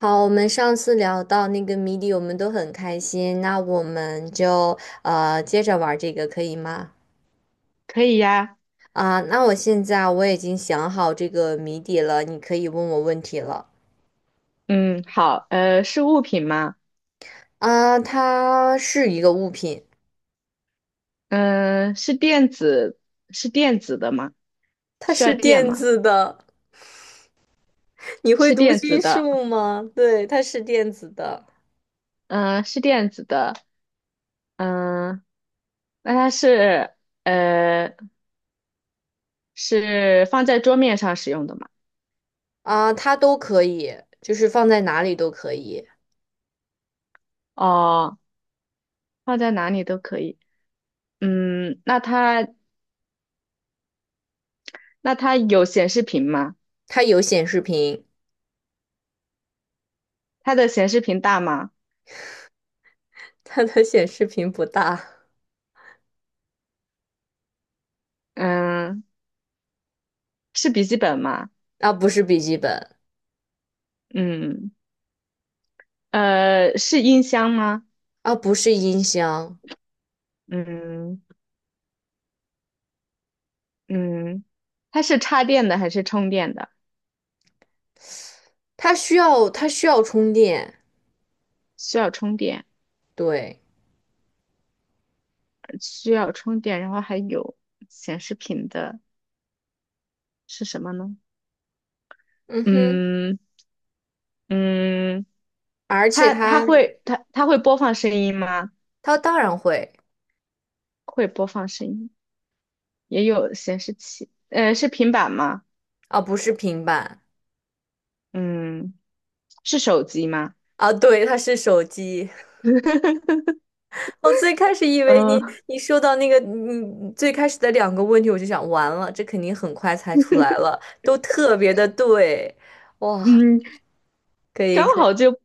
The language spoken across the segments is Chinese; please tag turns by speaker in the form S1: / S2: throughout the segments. S1: 好，我们上次聊到那个谜底，我们都很开心。那我们就接着玩这个，可以吗？
S2: 可以呀。
S1: 啊、那我现在啊我已经想好这个谜底了，你可以问我问题了。
S2: 嗯，好，是物品吗？
S1: 啊、它是一个物品，
S2: 嗯、是电子，是电子的吗？
S1: 它
S2: 需要
S1: 是
S2: 电
S1: 电
S2: 吗？
S1: 子的。你会
S2: 是
S1: 读
S2: 电子
S1: 心
S2: 的，
S1: 术吗？对，它是电子的。
S2: 嗯、是电子的，嗯、那它是，呃，是放在桌面上使用的吗？
S1: 啊、它都可以，就是放在哪里都可以。
S2: 哦，放在哪里都可以。嗯，那它，那它有显示屏吗？
S1: 它有显示屏，
S2: 它的显示屏大吗？
S1: 它的显示屏不大。
S2: 嗯，是笔记本吗？
S1: 啊，不是笔记本，
S2: 嗯，是音箱吗？
S1: 啊，不是音箱。
S2: 嗯。嗯，它是插电的还是充电的？
S1: 它需要充电，
S2: 需要充电，
S1: 对，
S2: 需要充电，然后还有显示屏的是什么呢？
S1: 嗯哼，
S2: 嗯嗯，
S1: 而且
S2: 它它
S1: 它
S2: 会它它会播放声音吗？
S1: 它当然会
S2: 会播放声音，也有显示器，是平板吗？
S1: 啊，不是平板
S2: 嗯，是手机吗？
S1: 啊，对，它是手机。我最开始以为
S2: 呃
S1: 你说到那个你最开始的两个问题，我就想完了，这肯定很快猜出来了，都特别的对，哇，
S2: 嗯，
S1: 可以
S2: 刚
S1: 可以，
S2: 好就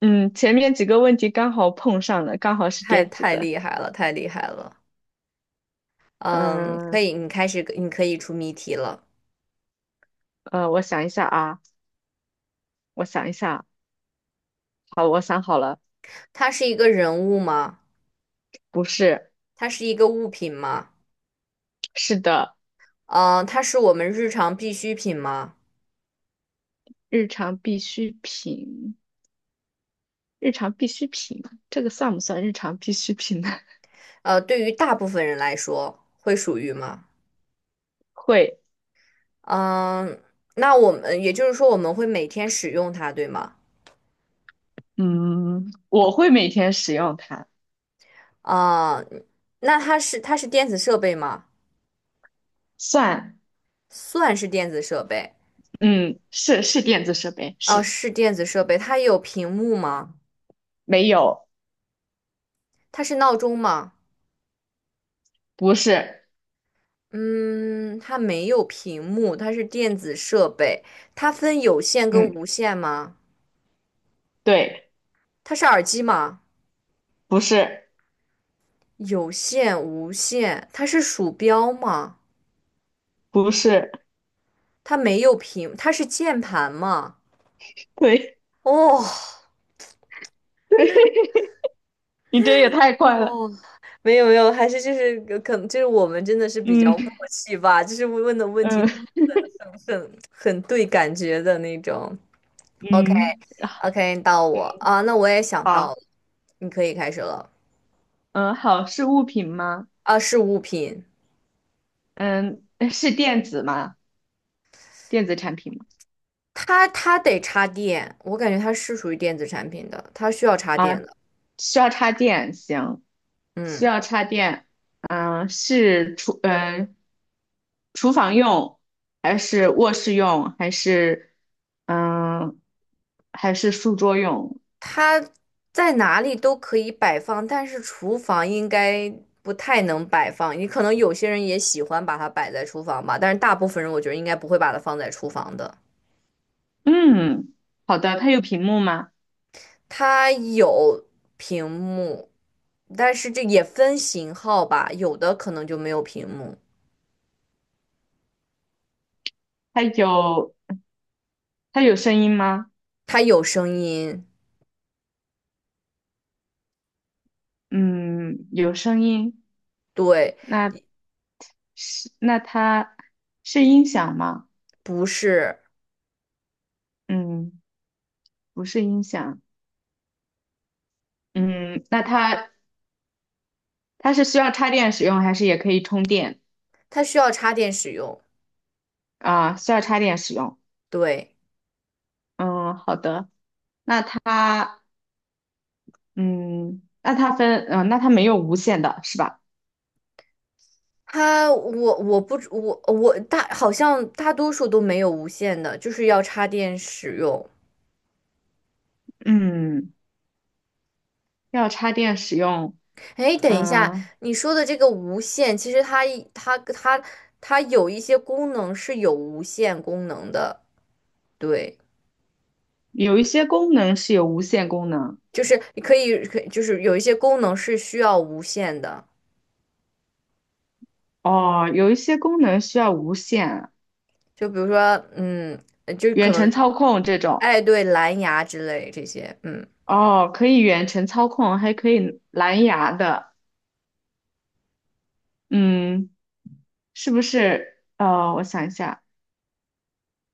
S2: 嗯前面几个问题刚好碰上了，刚好是
S1: 太
S2: 电子
S1: 太
S2: 的。
S1: 厉害了，太厉害了，嗯，可
S2: 嗯
S1: 以，你开始你可以出谜题了。
S2: 我想一下啊，我想一下啊。好，我想好了，
S1: 它是一个人物吗？
S2: 不是，
S1: 它是一个物品吗？
S2: 是的，
S1: 嗯、它是我们日常必需品吗？
S2: 日常必需品，日常必需品，这个算不算日常必需品呢？
S1: 呃，对于大部分人来说，会属于吗？
S2: 会，
S1: 嗯、那我们也就是说，我们会每天使用它，对吗？
S2: 嗯，我会每天使用它，
S1: 啊、那它是电子设备吗？
S2: 算，
S1: 算是电子设备，
S2: 嗯，是电子设备，
S1: 啊、
S2: 是，
S1: 是电子设备。它有屏幕吗？
S2: 没有，
S1: 它是闹钟吗？
S2: 不是，
S1: 嗯，它没有屏幕，它是电子设备。它分有线跟无
S2: 嗯，
S1: 线吗？
S2: 对，
S1: 它是耳机吗？
S2: 不是，
S1: 有线、无线，它是鼠标吗？
S2: 不是，
S1: 它没有屏，它是键盘吗？
S2: 对，
S1: 哦
S2: 对，你这也太快了，
S1: 哦，没有没有，还是就是可能就是我们真的是比较默
S2: 嗯
S1: 契吧，就是问的问题都
S2: 嗯
S1: 是很很对感觉的那种。OK
S2: 嗯
S1: OK，到我啊，那我也想到了，你可以开始了。
S2: 嗯，好，是物品吗？
S1: 啊，是物品，
S2: 嗯，是电子吗？电子产品吗？
S1: 它得插电，我感觉它是属于电子产品的，它需要插
S2: 啊。
S1: 电的。
S2: 需要插电，行，需
S1: 嗯。
S2: 要插电，是厨，厨房用，还是卧室用，还是，嗯、还是书桌用？
S1: 它在哪里都可以摆放，但是厨房应该不太能摆放。你可能有些人也喜欢把它摆在厨房吧，但是大部分人我觉得应该不会把它放在厨房的。
S2: 嗯，好的，它有屏幕吗？
S1: 它有屏幕，但是这也分型号吧，有的可能就没有屏幕。
S2: 它有，它有声音吗？
S1: 它有声音，
S2: 嗯，有声音，
S1: 对，
S2: 那是，那它是音响吗？
S1: 不是，
S2: 嗯，不是音响，嗯，那它。它是需要插电使用，还是也可以充电
S1: 它需要插电使用，
S2: 啊？需要插电使用。
S1: 对。
S2: 嗯，好的。那它，嗯，那它分，那它没有无线的是吧？
S1: 它我我不知我我大好像大多数都没有无线的，就是要插电使用。
S2: 嗯，要插电使用。
S1: 哎，等一下，
S2: 嗯，
S1: 你说的这个无线，其实它有一些功能是有无线功能的，对，
S2: 有一些功能是有无线功能。
S1: 就是你可以就是有一些功能是需要无线的，
S2: 哦，有一些功能需要无线，
S1: 就比如说嗯，就可
S2: 远
S1: 能
S2: 程操控这种。
S1: 哎对蓝牙之类这些，嗯，
S2: 哦，可以远程操控，还可以蓝牙的。嗯，是不是？我想一下，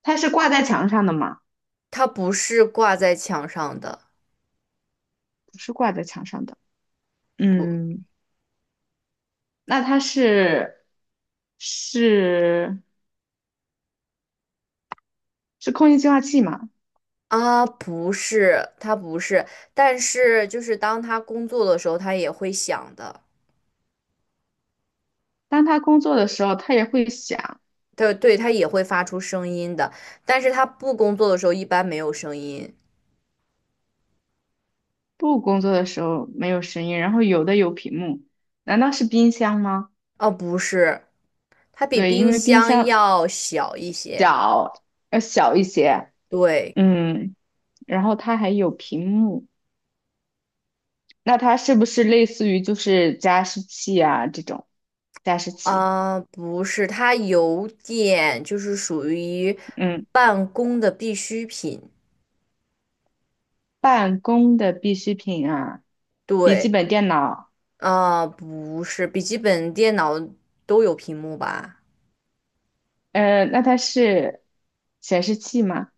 S2: 它是挂在墙上的吗？
S1: 它不是挂在墙上的。
S2: 不是挂在墙上的。嗯，那它是是空气净化器嘛？
S1: 啊，不是，他不是，但是就是当他工作的时候，他也会响的，
S2: 当它工作的时候，它也会响；
S1: 对对，他也会发出声音的，但是他不工作的时候一般没有声音。
S2: 不工作的时候没有声音。然后有的有屏幕，难道是冰箱吗？
S1: 哦，不是，它比
S2: 对，因
S1: 冰
S2: 为冰
S1: 箱
S2: 箱
S1: 要小一些。
S2: 小要小一些，
S1: 对，
S2: 嗯，然后它还有屏幕，那它是不是类似于就是加湿器啊这种加湿器？
S1: 啊，不是，它有点就是属于
S2: 嗯，
S1: 办公的必需品。
S2: 办公的必需品啊，笔记
S1: 对，
S2: 本电脑。
S1: 啊，不是，笔记本电脑都有屏幕吧？
S2: 那它是显示器吗？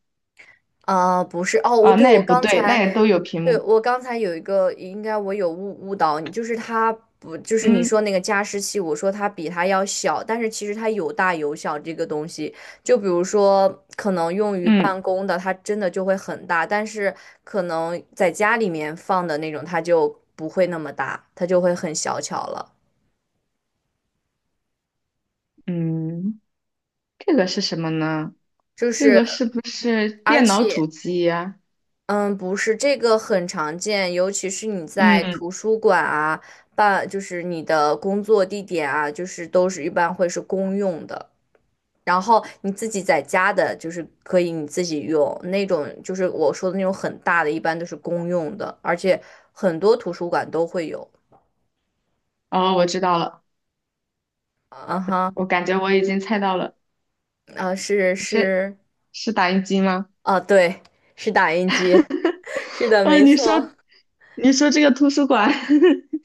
S1: 啊，不是哦，我
S2: 哦，
S1: 对
S2: 那也
S1: 我
S2: 不
S1: 刚
S2: 对，那
S1: 才，
S2: 也都有屏
S1: 对
S2: 幕。
S1: 我刚才有一个，应该我有误导你，就是它不，就是你说
S2: 嗯
S1: 那个加湿器，我说它比它要小，但是其实它有大有小这个东西。就比如说，可能用于
S2: 嗯
S1: 办公的，它真的就会很大，但是可能在家里面放的那种，它就不会那么大，它就会很小巧了。
S2: 嗯，这个是什么呢？
S1: 就
S2: 这
S1: 是，
S2: 个是不是
S1: 而
S2: 电脑主
S1: 且。
S2: 机呀？
S1: 嗯，不是，这个很常见，尤其是你在
S2: 嗯，
S1: 图书馆啊，就是你的工作地点啊，就是都是一般会是公用的。然后你自己在家的，就是可以你自己用那种，就是我说的那种很大的，一般都是公用的，而且很多图书馆都会有。
S2: 哦，我知道了，
S1: 啊哈，
S2: 我感觉我已经猜到了，
S1: 啊是
S2: 是
S1: 是，
S2: 是打印机吗？
S1: 啊对，是打印机，是的，
S2: 啊，
S1: 没错，
S2: 你说这个图书馆，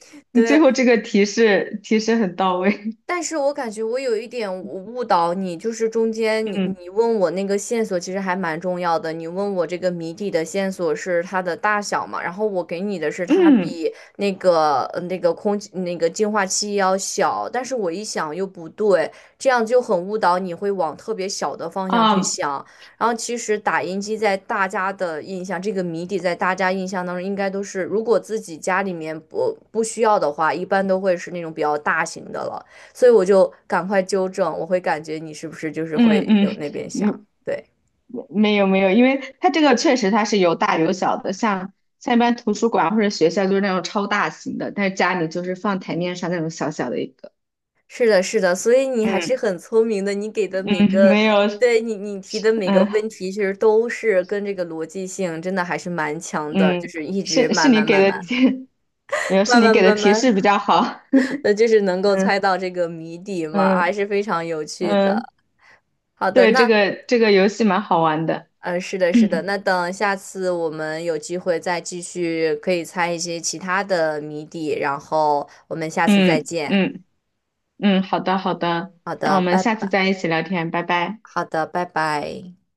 S2: 你最
S1: 对。
S2: 后这个提示很到位。
S1: 但是我感觉我有一点误导你，就是中间你
S2: 嗯
S1: 你问我那个线索其实还蛮重要的，你问我这个谜底的线索是它的大小嘛，然后我给你的是它
S2: 嗯
S1: 比那个那个空气那个净化器要小，但是我一想又不对，这样就很误导你会往特别小的方向去
S2: 啊
S1: 想，然后其实打印机在大家的印象，这个谜底在大家印象当中应该都是，如果自己家里面不需要的话，一般都会是那种比较大型的了。所以我就赶快纠正，我会感觉你是不是就是
S2: 嗯
S1: 会有
S2: 嗯，
S1: 那边想，
S2: 嗯，
S1: 对，
S2: 没有没有，因为它这个确实它是有大有小的，像像一般图书馆或者学校就是那种超大型的，但是家里就是放台面上那种小小的一个。
S1: 是的，是的，所以你还是
S2: 嗯
S1: 很聪明的，你给的每个，
S2: 嗯，没有，
S1: 对你提的每个
S2: 嗯
S1: 问题，其实都是跟这个逻辑性真的还是蛮强的，就
S2: 嗯，
S1: 是一直
S2: 是是
S1: 慢
S2: 你
S1: 慢
S2: 给
S1: 慢
S2: 的
S1: 慢
S2: 提，没 有是
S1: 慢
S2: 你
S1: 慢
S2: 给的
S1: 慢
S2: 提示
S1: 慢，
S2: 比较好。
S1: 那就是能够
S2: 嗯
S1: 猜到这个谜底嘛，
S2: 嗯
S1: 还是非常有趣
S2: 嗯，
S1: 的。好的，
S2: 对，这
S1: 那
S2: 个这个游戏蛮好玩的。
S1: 嗯，是的，是的。那
S2: 嗯
S1: 等下次我们有机会再继续，可以猜一些其他的谜底，然后我们下次再
S2: 嗯
S1: 见。
S2: 嗯嗯，好的好的，
S1: 好
S2: 那
S1: 的，
S2: 我们
S1: 拜
S2: 下次
S1: 拜。
S2: 再一起聊天，拜拜。
S1: 好的，拜拜。